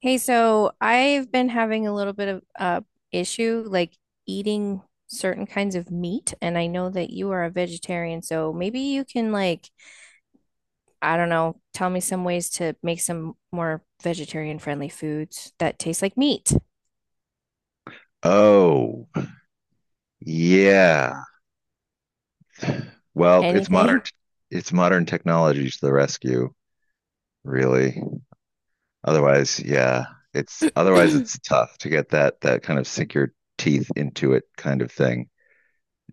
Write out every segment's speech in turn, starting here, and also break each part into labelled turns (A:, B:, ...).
A: Hey, so I've been having a little bit of issue like eating certain kinds of meat, and I know that you are a vegetarian, so maybe you can, like, I don't know, tell me some ways to make some more vegetarian friendly foods that taste like meat.
B: Oh, yeah. Well,
A: Anything.
B: it's modern technology to the rescue, really. Otherwise, yeah, it's otherwise it's tough to get that kind of sink your teeth into it kind of thing.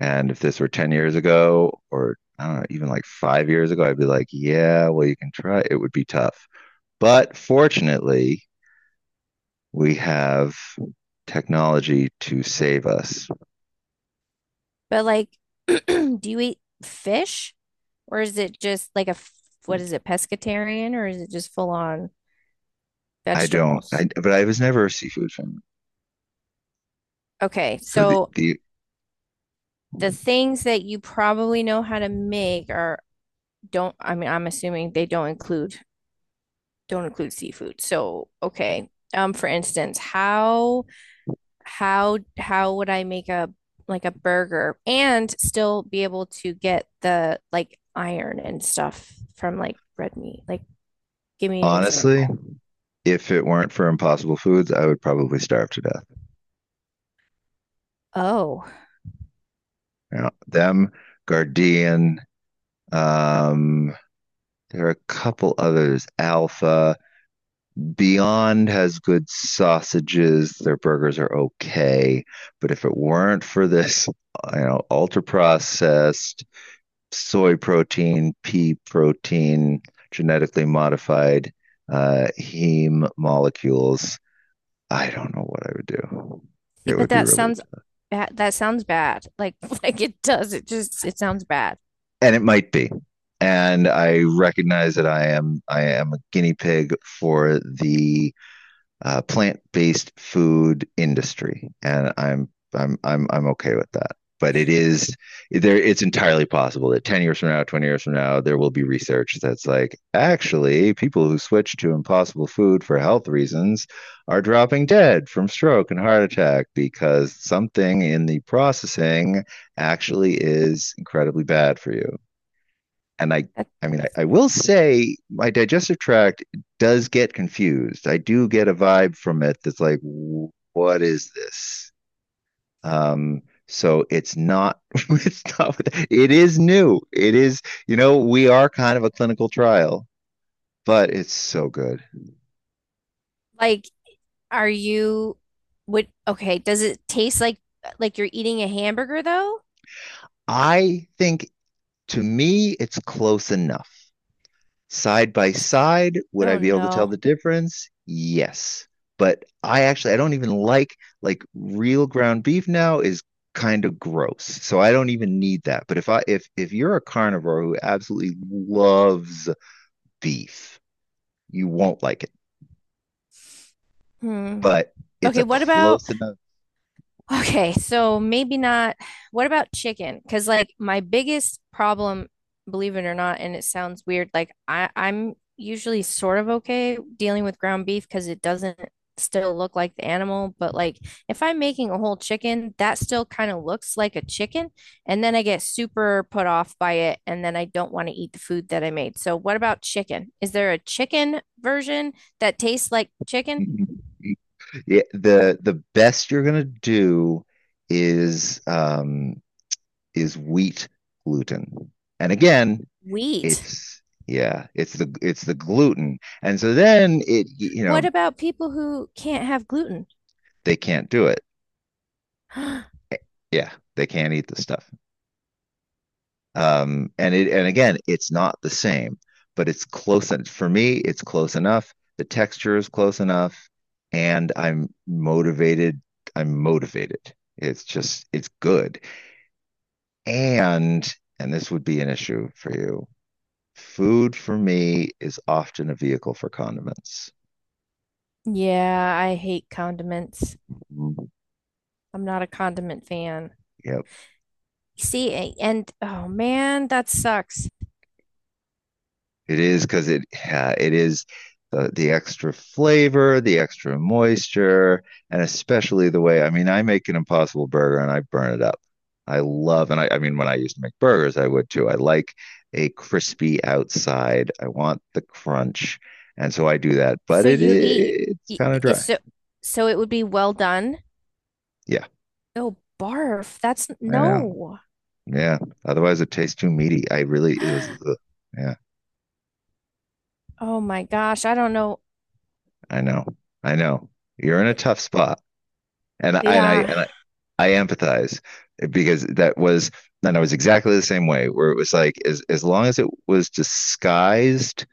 B: And if this were 10 years ago or I don't know, even like 5 years ago, I'd be like, yeah, well you can try. It would be tough. But fortunately, we have technology to save us.
A: But like, do you eat fish or is it just like a what is it, pescatarian, or is it just full on
B: I don't I
A: vegetables?
B: but I was never a seafood fan.
A: Okay,
B: So
A: so
B: the
A: the things that you probably know how to make are don't, I mean, I'm assuming they don't include seafood. So, okay. For instance, how how would I make a like a burger and still be able to get, the like, iron and stuff from, like, red meat? Like, give me an
B: Honestly,
A: example.
B: if it weren't for Impossible Foods, I would probably starve to death.
A: Oh,
B: You know, them, Guardian, um, there are a couple others, Alpha. Beyond has good sausages. Their burgers are okay. But if it weren't for this, you know, ultra processed soy protein, pea protein, genetically modified heme molecules, I don't know what I would do.
A: see,
B: It
A: but
B: would be
A: that
B: really,
A: sounds bad. That sounds bad. Like, like it does. It just it sounds bad.
B: and it might be. And I recognize that I am a guinea pig for the plant-based food industry, and I'm okay with that. But it is there. It's entirely possible that 10 years from now, 20 years from now, there will be research that's like actually people who switch to impossible food for health reasons are dropping dead from stroke and heart attack because something in the processing actually is incredibly bad for you and
A: That-
B: I mean, I will say my digestive tract does get confused. I do get a vibe from it that's like, what is this? Um, so it's not, it's not, it is new. It is, you know, we are kind of a clinical trial, but it's so good.
A: Like, are you would does it taste like you're eating a hamburger though?
B: I think to me, it's close enough. Side by side, would I
A: Oh
B: be able to tell
A: no.
B: the difference? Yes. But I don't even like real ground beef now is kind of gross. So I don't even need that. But if I if you're a carnivore who absolutely loves beef, you won't like it.
A: Hmm.
B: But it's
A: Okay,
B: a
A: what about
B: close enough.
A: okay, so maybe not what about chicken? Because, like, my biggest problem, believe it or not, and it sounds weird, like I'm usually sort of okay dealing with ground beef because it doesn't still look like the animal, but like if I'm making a whole chicken, that still kind of looks like a chicken, and then I get super put off by it, and then I don't want to eat the food that I made. So what about chicken? Is there a chicken version that tastes like chicken?
B: Yeah, the best you're gonna do is um is wheat gluten. And again,
A: Wheat.
B: It's yeah, it's the gluten. And so then it, you
A: What
B: know,
A: about people who can't have gluten?
B: they can't do it. Yeah, they can't eat the stuff. And it, and again, it's not the same, but it's close and for me it's close enough. The texture is close enough and I'm motivated. I'm motivated. It's good. And and this would be an issue for you. Food for me is often a vehicle for condiments.
A: Yeah, I hate condiments.
B: Mm-hmm.
A: I'm not a condiment fan.
B: Yeah,
A: See, a- and oh man, that sucks.
B: it is because it is the extra flavor, the extra moisture, and especially the way, I mean, I make an impossible burger and I burn it up. I love, and I mean, when I used to make burgers, I would too. I like a crispy outside. I want the crunch, and so I do that. But
A: So
B: it
A: you eat,
B: it's kind of dry.
A: so so it would be well done.
B: Yeah,
A: Oh, barf. That's
B: I know.
A: no.
B: Yeah. Otherwise, it tastes too meaty. I really it was. Ugh. Yeah,
A: Oh my gosh, I don't know.
B: I know. I know. You're in a tough spot, and I and I
A: Yeah.
B: and I empathize because that was, and I was exactly the same way, where it was like, as long as it was disguised,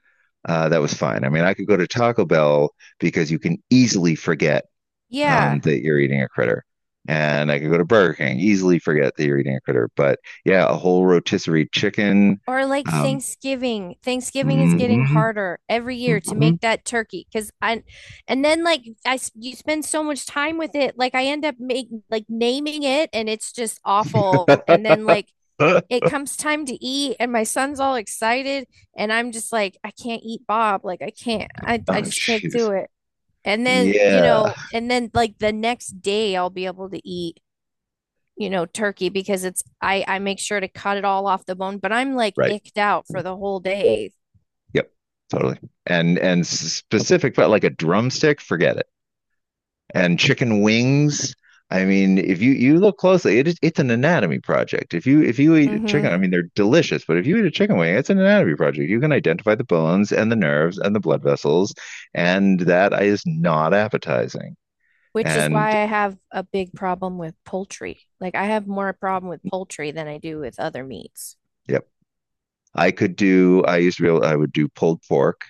B: that was fine. I mean, I could go to Taco Bell because you can easily forget
A: Yeah.
B: that you're eating a critter, and I could go to Burger King easily forget that you're eating a critter. But yeah, a whole rotisserie chicken.
A: Or like
B: Um,
A: Thanksgiving. Thanksgiving is getting
B: mhm,
A: harder every year to
B: mhm.
A: make that turkey because and then like I you spend so much time with it. Like I end up make like naming it and it's just awful. And then like it comes time to eat and my son's all excited and I'm just like, I can't eat Bob. Like I can't, I
B: Oh,
A: just can't do
B: jeez.
A: it. And then, you
B: Yeah.
A: know, and then like the next day I'll be able to eat, you know, turkey because it's I make sure to cut it all off the bone, but I'm like
B: Right.
A: icked out for the whole day.
B: Yep, totally. And specific, but like a drumstick, forget it. And chicken wings. I mean, if you look closely, it's an anatomy project. If you eat chicken,
A: Hmm.
B: I mean, they're delicious, but if you eat a chicken wing, it's an anatomy project. You can identify the bones and the nerves and the blood vessels, and that is not appetizing.
A: Which is
B: And
A: why I have a big problem with poultry. Like I have more problem with poultry than I do with other meats.
B: yep, I could do. I used to be able. I would do pulled pork.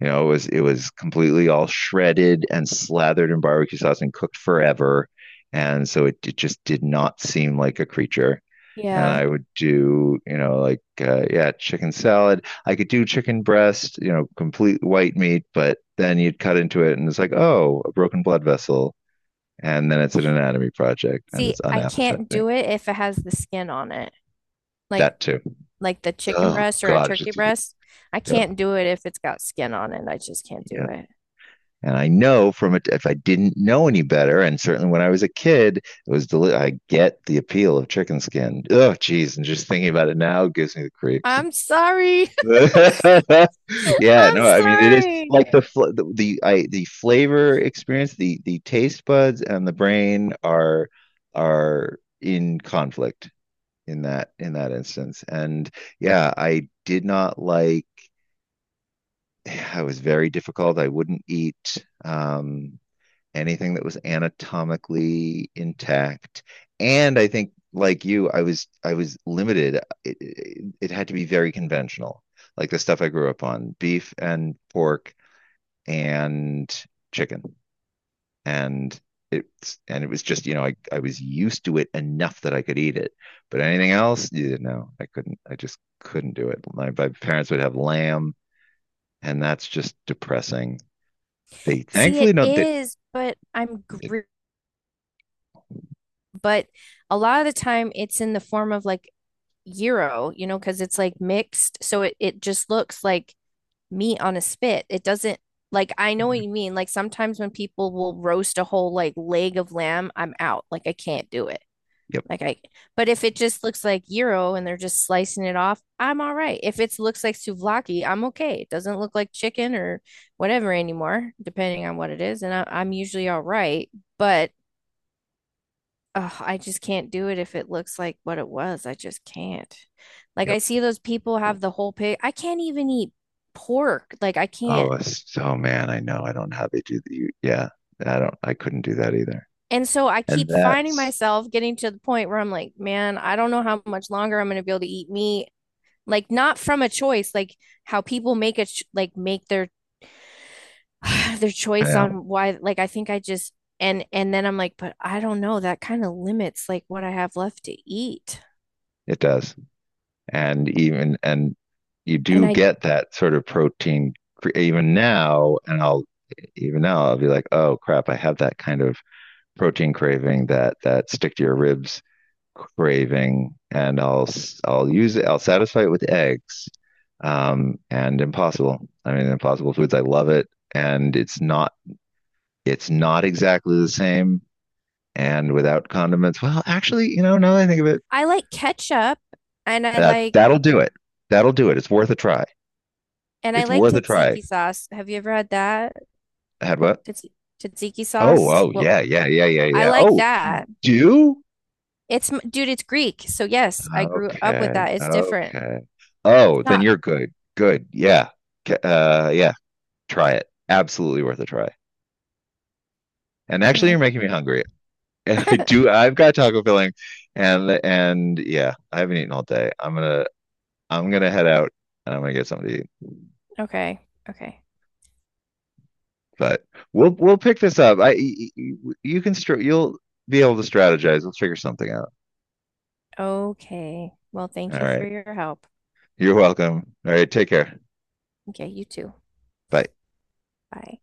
B: You know, it was completely all shredded and slathered in barbecue sauce and cooked forever, and so it just did not seem like a creature. And
A: Yeah.
B: I would do, you know, like yeah, chicken salad. I could do chicken breast, you know, complete white meat, but then you'd cut into it and it's like, oh, a broken blood vessel, and then it's an anatomy project and
A: See,
B: it's
A: I can't
B: unappetizing.
A: do it if it has the skin on it. Like
B: That too.
A: like the chicken
B: Oh
A: breast or a
B: God, it's
A: turkey
B: just
A: breast. I
B: yeah,
A: can't do it if it's got skin on it. I just can't do
B: yeah.
A: it.
B: And I know from it, if I didn't know any better, and certainly when I was a kid, I get the appeal of chicken skin. Oh, geez, and just thinking about it now gives me the creeps.
A: I'm sorry.
B: Yeah,
A: I'm
B: no, I mean it is
A: sorry.
B: like the flavor experience, the taste buds and the brain are in conflict in that instance. And yeah, I did not like. I was very difficult. I wouldn't eat um anything that was anatomically intact. And I think like you, I was limited. It had to be very conventional, like the stuff I grew up on: beef and pork and chicken. And it was just, you know, I was used to it enough that I could eat it, but anything else, yeah, no, I couldn't. I just couldn't do it. My parents would have lamb, and that's just depressing. They
A: See, it
B: thankfully don't.
A: is, but I'm
B: They-
A: gr but a lot of the time it's in the form of, like, gyro, you know, because it's, like, mixed. So it just looks like meat on a spit. It doesn't like I know what you mean. Like sometimes when people will roast a whole like leg of lamb, I'm out. Like I can't do it.
B: yep,
A: Like I, but if it just looks like gyro and they're just slicing it off, I'm all right. If it looks like souvlaki, I'm okay. It doesn't look like chicken or whatever anymore, depending on what it is, and I'm usually all right. But oh, I just can't do it if it looks like what it was. I just can't. Like I
B: yep.
A: see those people have the whole pig. I can't even eat pork. Like I can't.
B: Oh, so man, I know. I don't know how they do the. Yeah, I don't. I couldn't do that either.
A: And so I
B: And
A: keep finding
B: that's,
A: myself getting to the point where I'm like, man, I don't know how much longer I'm going to be able to eat meat. Like not from a choice, like how people make a like make their their
B: I
A: choice
B: know,
A: on why. Like I think I just, and then I'm like, but I don't know, that kind of limits like what I have left to eat
B: it does. And even and you
A: and
B: do get that sort of protein even now. And I'll even now I'll be like, oh crap, I have that kind of protein craving, that stick to your ribs craving, and I'll I'll use it. I'll satisfy it with eggs. And Impossible. I mean, Impossible Foods. I love it, and it's not exactly the same and without condiments. Well, actually, you know, now that I think of it,
A: I Like ketchup and I like
B: that'll do it. That'll do it. It's worth a try.
A: and I
B: It's
A: like
B: worth a try.
A: tzatziki sauce, have you ever had that?
B: I had what?
A: Tats Tzatziki
B: Oh,
A: sauce,
B: oh,
A: what?
B: yeah, yeah, yeah, yeah,
A: I
B: yeah.
A: like
B: Oh, you
A: that,
B: do?
A: it's dude, it's Greek, so yes, I grew up with
B: Okay,
A: that. It's different.
B: okay. Oh,
A: It's
B: then
A: not.
B: you're good. Good. Yeah. Yeah. Try it. Absolutely worth a try. And actually,
A: Oh.
B: you're making me hungry. And I do. I've got taco filling, and yeah, I haven't eaten all day. I'm gonna head out and I'm gonna get something to eat.
A: Okay. Okay.
B: But we'll pick this up. You you'll be able to strategize. We'll figure something out.
A: Okay, well,
B: All
A: thank you for
B: right.
A: your help.
B: You're welcome. All right. Take care.
A: Okay, you too.
B: Bye.
A: Bye.